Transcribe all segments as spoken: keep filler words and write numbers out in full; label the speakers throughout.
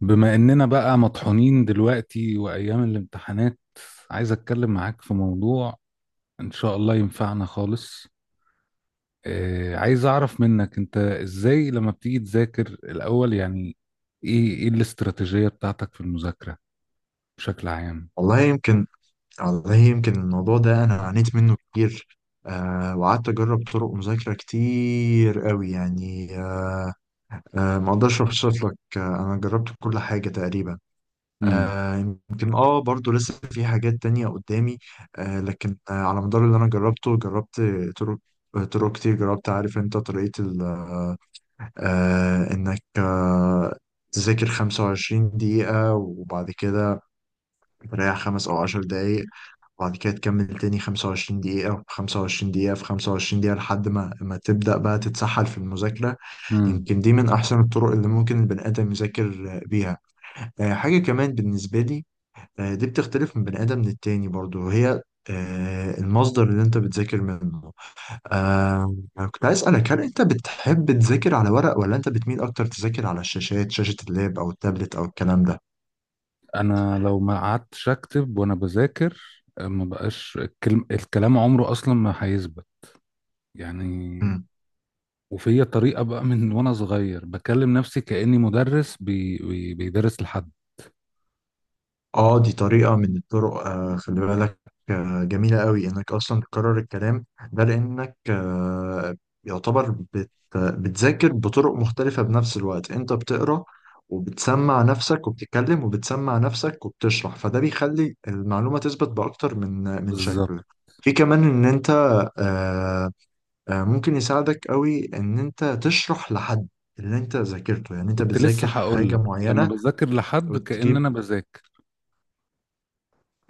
Speaker 1: بما اننا بقى مطحونين دلوقتي وايام الامتحانات، عايز اتكلم معاك في موضوع ان شاء الله ينفعنا خالص. آه عايز اعرف منك انت ازاي لما بتيجي تذاكر الاول، يعني ايه ايه الاستراتيجية بتاعتك في المذاكرة بشكل عام؟
Speaker 2: والله يمكن والله يمكن الموضوع ده انا عانيت منه كتير. آه وقعدت اجرب طرق مذاكره كتير قوي يعني. آه آه ما اقدرش اوصف لك، آه انا جربت كل حاجه تقريبا.
Speaker 1: امم
Speaker 2: آه يمكن اه برضو لسه في حاجات تانية قدامي. آه لكن آه على مدار اللي انا جربته، جربت طرق طرق كتير. جربت، عارف انت، طريقه ال- آه انك آه تذاكر خمسة وعشرين دقيقة وبعد كده تريح خمس أو عشر دقايق، وبعد كده تكمل تاني خمسة وعشرين دقيقة، في خمسة وعشرين دقيقة، في خمسة وعشرين دقيقة، لحد ما ما تبدأ بقى تتسحل في المذاكرة.
Speaker 1: امم
Speaker 2: يمكن دي من أحسن الطرق اللي ممكن البني آدم يذاكر بيها. آه، حاجة كمان بالنسبة لي، آه، دي بتختلف من بني آدم للتاني برضو، وهي آه، المصدر اللي أنت بتذاكر منه. آه، كنت عايز أسألك، هل أنت بتحب تذاكر على ورق ولا أنت بتميل أكتر تذاكر على الشاشات، شاشة اللاب أو التابلت أو الكلام ده؟
Speaker 1: انا لو ما قعدتش اكتب وانا بذاكر، آه، ما بقاش الكلم الكلام عمره اصلا ما هيثبت يعني. وفي طريقة بقى من وانا صغير بكلم نفسي كأني مدرس بي... بي... بيدرس لحد.
Speaker 2: اه، دي طريقة من الطرق. آه خلي بالك، آه جميلة قوي انك اصلا تكرر الكلام ده، لانك آه يعتبر بت بتذاكر بطرق مختلفة بنفس الوقت. انت بتقرأ، وبتسمع نفسك، وبتتكلم، وبتسمع نفسك، وبتشرح، فده بيخلي المعلومة تثبت بأكتر من من
Speaker 1: بالظبط.
Speaker 2: شكل. في كمان ان انت آه آه ممكن يساعدك قوي ان انت تشرح لحد اللي انت ذاكرته. يعني انت
Speaker 1: كنت لسه
Speaker 2: بتذاكر
Speaker 1: هقول
Speaker 2: حاجة
Speaker 1: لك لما
Speaker 2: معينة
Speaker 1: بذاكر لحد كأن
Speaker 2: وتجيب.
Speaker 1: انا بذاكر.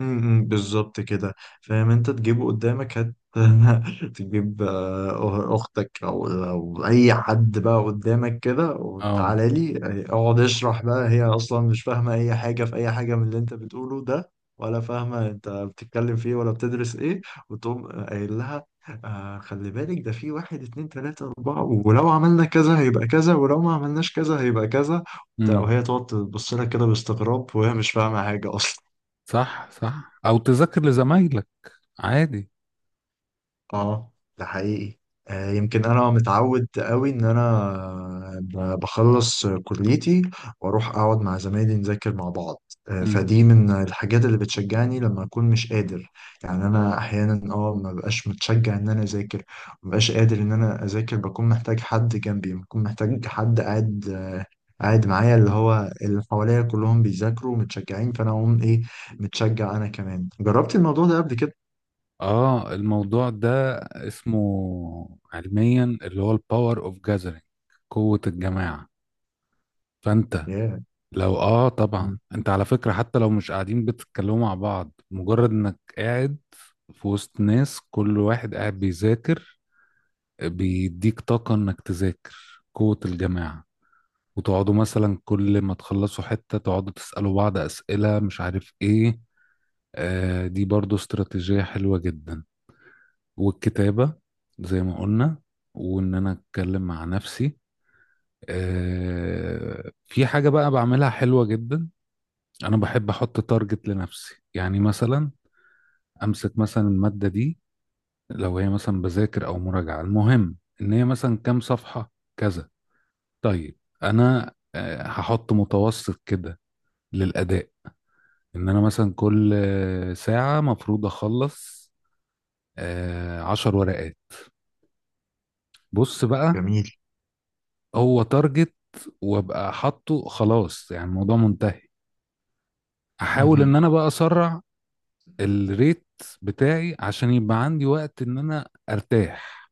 Speaker 2: امم بالظبط كده. فاهم انت، تجيبه قدامك هت تجيب، آه، أه، اختك او او اي حد بقى قدامك كده،
Speaker 1: اه.
Speaker 2: وتعالى لي اقعد اشرح بقى. هي اصلا مش فاهمه اي حاجه في اي حاجه من اللي انت بتقوله ده، ولا فاهمه انت بتتكلم في ايه، ولا بتدرس ايه، وتقوم قايل لها: آه خلي بالك، ده في واحد اتنين تلاته اربعه، ولو عملنا كذا هيبقى كذا، ولو ما عملناش كذا هيبقى كذا، وبتاع.
Speaker 1: امم.
Speaker 2: وهي تقعد تبص لك كده باستغراب، وهي مش فاهمه حاجه اصلا.
Speaker 1: صح، صح، او تذاكر لزمايلك عادي.
Speaker 2: اه، ده حقيقي. آه، يمكن انا متعود قوي ان انا ب- بخلص كليتي، واروح اقعد مع زمايلي نذاكر مع بعض. آه،
Speaker 1: امم.
Speaker 2: فدي من الحاجات اللي بتشجعني لما اكون مش قادر. يعني انا احيانا اه ما بقاش متشجع ان انا اذاكر، ما بقاش قادر ان انا اذاكر، بكون محتاج حد جنبي، بكون محتاج حد قاعد آه، قاعد معايا، اللي هو اللي حواليا كلهم بيذاكروا ومتشجعين، فانا اقوم ايه؟ متشجع. انا كمان جربت الموضوع ده قبل كده.
Speaker 1: اه الموضوع ده اسمه علميا اللي هو الباور اوف جاذرينج، قوة الجماعة. فانت
Speaker 2: ياه.
Speaker 1: لو اه طبعا،
Speaker 2: مم.
Speaker 1: انت على فكرة، حتى لو مش قاعدين بتتكلموا مع بعض، مجرد انك قاعد في وسط ناس كل واحد قاعد بيذاكر، بيديك طاقة انك تذاكر، قوة الجماعة. وتقعدوا مثلا كل ما تخلصوا حتة تقعدوا تسألوا بعض أسئلة مش عارف ايه. آه دي برضو استراتيجية حلوة جدا، والكتابة زي ما قلنا، وان انا اتكلم مع نفسي. آه في حاجة بقى بعملها حلوة جدا، انا بحب احط تارجت لنفسي، يعني مثلا امسك مثلا المادة دي، لو هي مثلا بذاكر او مراجعة، المهم ان هي مثلا كام صفحة، كذا. طيب، انا آه، هحط متوسط كده للاداء، ان انا مثلا كل آه، ساعة مفروض اخلص آه، عشر ورقات. بص بقى،
Speaker 2: جميل.
Speaker 1: هو تارجت، وابقى حاطه خلاص يعني الموضوع منتهي. احاول ان
Speaker 2: مهم.
Speaker 1: انا بقى اسرع الريت بتاعي عشان يبقى عندي وقت ان انا ارتاح.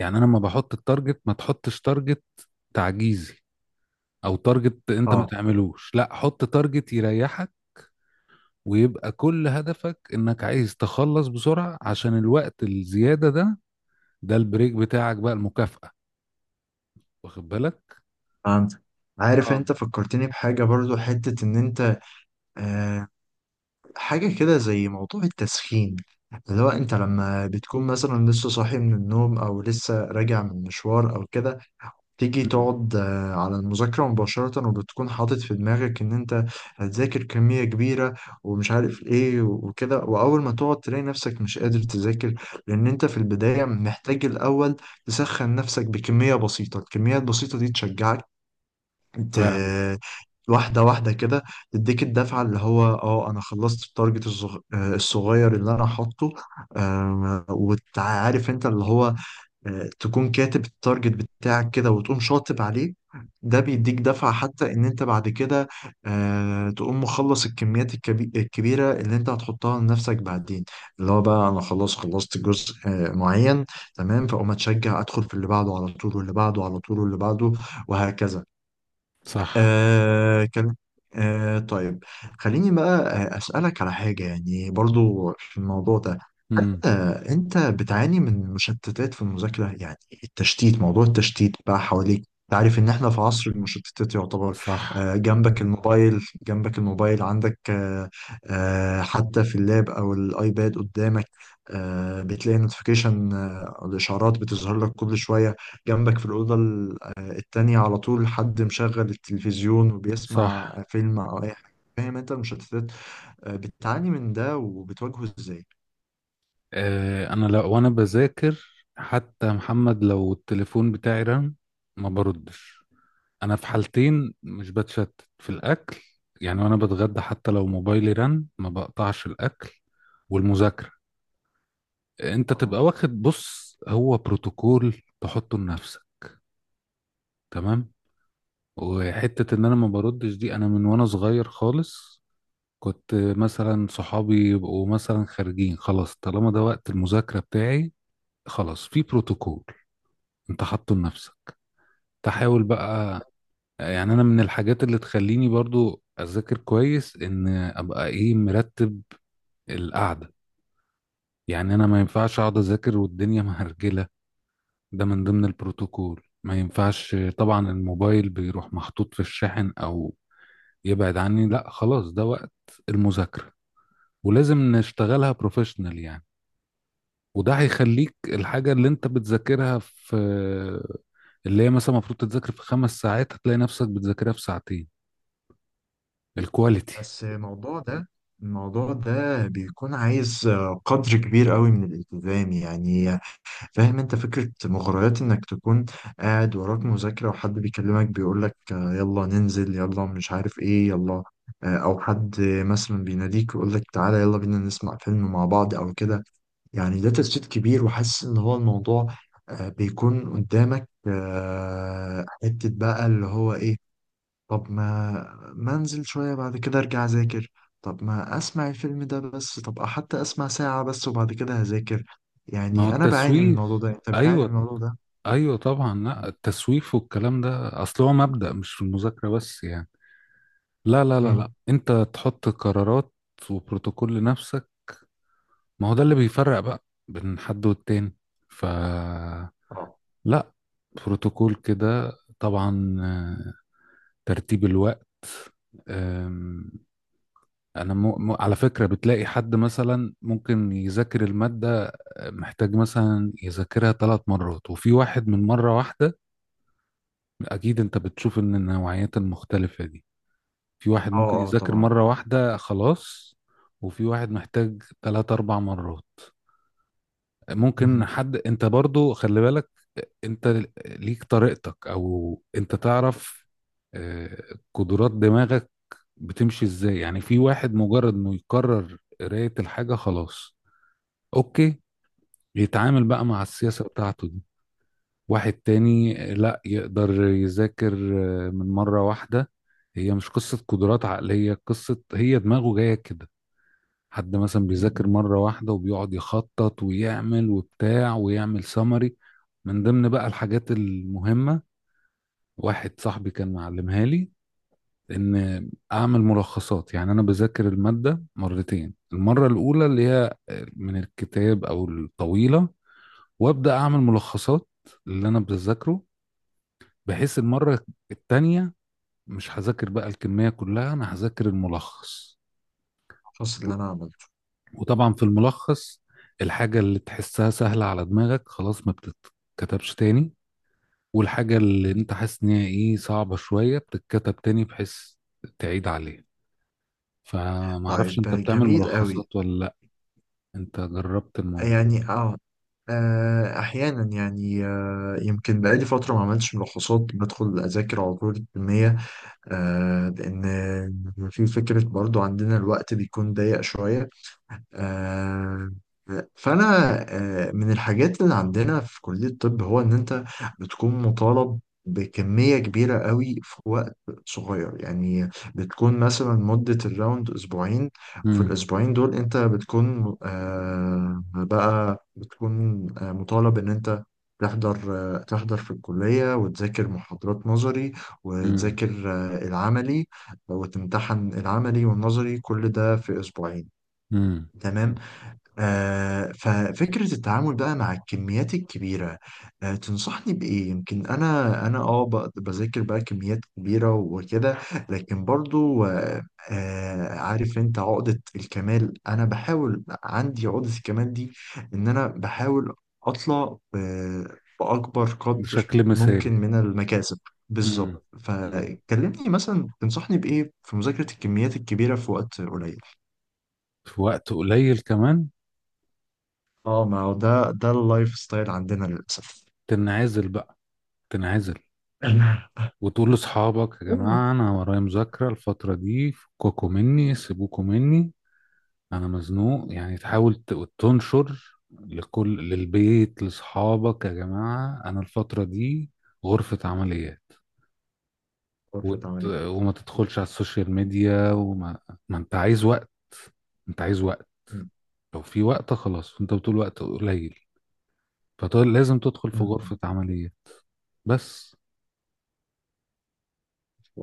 Speaker 1: يعني انا لما بحط التارجت، ما تحطش تارجت تعجيزي، او تارجت انت ما
Speaker 2: اه.
Speaker 1: تعملوش، لا، حط تارجت يريحك، ويبقى كل هدفك انك عايز تخلص بسرعة عشان الوقت الزيادة ده، ده البريك بتاعك بقى، المكافأة. واخد بالك؟
Speaker 2: فهمت. عارف
Speaker 1: اه.
Speaker 2: انت، فكرتني بحاجة برضو حتة ان انت. آه حاجة كده زي موضوع التسخين، اللي هو انت لما بتكون مثلا لسه صاحي من النوم، او لسه راجع من مشوار او كده، تيجي
Speaker 1: مم.
Speaker 2: تقعد آه، على المذاكرة مباشرة، وبتكون حاطط في دماغك إن أنت هتذاكر كمية كبيرة ومش عارف إيه وكده. وأول ما تقعد تلاقي نفسك مش قادر تذاكر، لأن أنت في البداية محتاج الأول تسخن نفسك بكمية بسيطة. الكمية البسيطة دي تشجعك ت...
Speaker 1: فعلا.
Speaker 2: واحدة واحدة كده، تديك الدفعة، اللي هو: اه انا خلصت التارجت الصغ... آه، الصغير اللي انا حاطه. آم، وتعرف انت اللي هو آه، تكون كاتب التارجت بتاعك كده وتقوم شاطب عليه. ده بيديك دفعة، حتى ان انت بعد كده آه، تقوم مخلص الكميات الكبي... الكبيرة اللي انت هتحطها لنفسك بعدين، اللي هو بقى: انا خلاص خلصت جزء آه، معين، تمام، فاقوم اتشجع، ادخل في اللي بعده على طول، واللي بعده على طول، واللي بعده، وهكذا.
Speaker 1: صح.
Speaker 2: آه كان آه طيب، خليني بقى آه، أسألك على حاجة يعني، برضو في الموضوع ده.
Speaker 1: مم.
Speaker 2: آه، انت بتعاني من مشتتات في المذاكرة؟ يعني التشتيت، موضوع التشتيت بقى حواليك، تعرف ان احنا في عصر المشتتات يعتبر.
Speaker 1: صح،
Speaker 2: آه، جنبك الموبايل، جنبك الموبايل عندك آه، آه، حتى في اللاب او الايباد قدامك. آه، بتلاقي نوتيفيكيشن او الاشعارات بتظهر لك كل شوية. جنبك في الأوضة ال- آه، التانية على طول حد مشغل التلفزيون وبيسمع
Speaker 1: صح.
Speaker 2: فيلم او اي حاجة. فاهم انت المشتتات؟ آه، بتعاني من ده وبتواجهه ازاي؟
Speaker 1: آه انا لو وانا بذاكر، حتى محمد، لو التليفون بتاعي رن، ما بردش. انا في حالتين مش بتشتت، في الاكل، يعني وانا بتغدى حتى لو موبايلي رن ما بقطعش الاكل، والمذاكره. انت
Speaker 2: آه.
Speaker 1: تبقى واخد، بص، هو بروتوكول تحطه لنفسك، تمام. وحته ان انا ما بردش دي، انا من وانا صغير خالص كنت مثلا صحابي يبقوا مثلا خارجين، خلاص طالما ده وقت المذاكره بتاعي، خلاص، في بروتوكول انت حاطه لنفسك. تحاول بقى، يعني انا من الحاجات اللي تخليني برضو اذاكر كويس، ان ابقى ايه، مرتب القعده. يعني انا ما ينفعش اقعد اذاكر والدنيا مهرجله، ده من ضمن البروتوكول. ما ينفعش طبعا الموبايل بيروح محطوط في الشاحن او يبعد عني، لا، خلاص، ده وقت المذاكره. ولازم نشتغلها بروفيشنال يعني. وده هيخليك الحاجة اللي انت بتذاكرها في، اللي هي مثلا المفروض تتذاكر في خمس ساعات هتلاقي نفسك بتذاكرها في ساعتين، الكواليتي.
Speaker 2: بس الموضوع ده، الموضوع ده بيكون عايز آه، قدر كبير قوي من الالتزام يعني. فاهم انت فكرة مغريات، انك تكون قاعد وراك مذاكرة وحد بيكلمك بيقولك آه، يلا ننزل، يلا مش عارف ايه، يلا. آه، او حد مثلا بيناديك ويقولك تعالى يلا بينا نسمع فيلم مع بعض او كده. يعني ده تشتيت كبير، وحاسس ان هو الموضوع آه، بيكون قدامك آه، حتة بقى اللي هو ايه. طب ما ما انزل شوية بعد كده ارجع اذاكر. طب ما اسمع الفيلم ده بس. طب حتى اسمع ساعة بس وبعد كده هذاكر.
Speaker 1: ما هو
Speaker 2: يعني انا بعاني من الموضوع
Speaker 1: التسويف.
Speaker 2: ده، انت بتعاني من
Speaker 1: ايوه،
Speaker 2: الموضوع ده.
Speaker 1: ايوه، طبعا. لا، التسويف والكلام ده اصل هو مبدأ مش في المذاكره بس يعني. لا، لا، لا، لا،
Speaker 2: امم
Speaker 1: انت تحط قرارات وبروتوكول لنفسك. ما هو ده اللي بيفرق بقى بين حد والتاني. ف،
Speaker 2: اه.
Speaker 1: لا، بروتوكول كده طبعا، آه، ترتيب الوقت. آم، انا م... م... على فكره بتلاقي حد مثلا ممكن يذاكر الماده، آه، محتاج مثلا يذاكرها ثلاث مرات، وفي واحد من مره واحده. اكيد انت بتشوف ان النوعيات المختلفة دي، في واحد
Speaker 2: اه.
Speaker 1: ممكن
Speaker 2: اه
Speaker 1: يذاكر
Speaker 2: طبعا.
Speaker 1: مرة واحدة خلاص، وفي واحد محتاج ثلاث اربع مرات. ممكن
Speaker 2: مهم.
Speaker 1: حد، انت برضو خلي بالك، انت ليك طريقتك او انت تعرف آه، قدرات دماغك بتمشي ازاي، يعني في واحد مجرد انه يكرر قراية الحاجة خلاص، اوكي، يتعامل بقى مع السياسة
Speaker 2: بالظبط.
Speaker 1: بتاعته دي. واحد تاني لا يقدر يذاكر آه، من مرة واحدة. هي مش قصة قدرات عقلية، قصة هي دماغه جاية كده. حد مثلا بيذاكر
Speaker 2: امم
Speaker 1: مرة واحدة وبيقعد يخطط ويعمل وبتاع، ويعمل سمري، من ضمن بقى الحاجات المهمة. واحد صاحبي كان معلمها لي ان اعمل ملخصات، يعني انا بذاكر المادة مرتين، المرة الاولى اللي هي من الكتاب او الطويلة، وابدا اعمل ملخصات اللي انا بذاكره، بحيث المرة التانية مش هذاكر بقى الكمية كلها، أنا هذاكر الملخص.
Speaker 2: الفصل اللي انا عملته.
Speaker 1: وطبعا في الملخص الحاجة اللي تحسها سهلة على دماغك خلاص ما بتتكتبش تاني، والحاجة اللي
Speaker 2: مم.
Speaker 1: انت حاسس ان هي ايه صعبة شوية بتتكتب تاني بحيث تعيد عليها. فمعرفش
Speaker 2: طيب.
Speaker 1: انت بتعمل
Speaker 2: جميل قوي.
Speaker 1: ملخصات ولا لا، انت جربت الموضوع؟
Speaker 2: يعني اه آه، احيانا يعني آه، يمكن بقالي فتره ما عملتش ملخصات، بدخل اذاكر على طول الكميه، آه، لأن في فكرة برضو عندنا، الوقت بيكون ضيق شوية. آه، فأنا آه، من الحاجات اللي عندنا في كلية الطب، هو إن أنت بتكون مطالب بكمية كبيرة قوي في وقت صغير. يعني بتكون مثلا مدة الراوند أسبوعين، وفي
Speaker 1: مم.
Speaker 2: الأسبوعين دول أنت بتكون آه، بقى بتكون آه، مطالب إن أنت تحضر آه، تحضر في الكلية، وتذاكر محاضرات نظري،
Speaker 1: مم.
Speaker 2: وتذاكر آه، العملي، وتمتحن العملي والنظري، كل ده في أسبوعين.
Speaker 1: مم.
Speaker 2: تمام. آه، ففكرة التعامل بقى مع الكميات الكبيرة، آه، تنصحني بإيه؟ يمكن أنا أنا أه ب- بذاكر بقى كميات كبيرة وكده، لكن برضو آه، آه، عارف أنت عقدة الكمال، أنا بحاول، عندي عقدة الكمال دي إن أنا بحاول أطلع ب- بأكبر قدر
Speaker 1: بشكل
Speaker 2: ممكن
Speaker 1: مثالي.
Speaker 2: من المكاسب. بالظبط.
Speaker 1: مم. مم.
Speaker 2: فكلمني مثلا، تنصحني بإيه في مذاكرة الكميات الكبيرة في وقت قليل؟
Speaker 1: في وقت قليل كمان.
Speaker 2: اه ما هو ده ده اللايف ستايل عندنا للأسف.
Speaker 1: تنعزل بقى، تنعزل، وتقول لاصحابك يا جماعه انا ورايا مذاكره الفتره دي، فكوكوا مني، سيبوكوا مني، انا مزنوق يعني. تحاول ت- تنشر لكل للبيت لاصحابك، يا جماعه انا الفتره دي غرفه عمليات.
Speaker 2: غرفة
Speaker 1: وت...
Speaker 2: عمليات.
Speaker 1: وما تدخلش على السوشيال ميديا وما ما انت عايز وقت، انت عايز وقت.
Speaker 2: م-
Speaker 1: لو في وقت خلاص، انت بتقول وقت قليل، فلازم تدخل
Speaker 2: م-
Speaker 1: في
Speaker 2: م.
Speaker 1: غرفه عمليات. بس.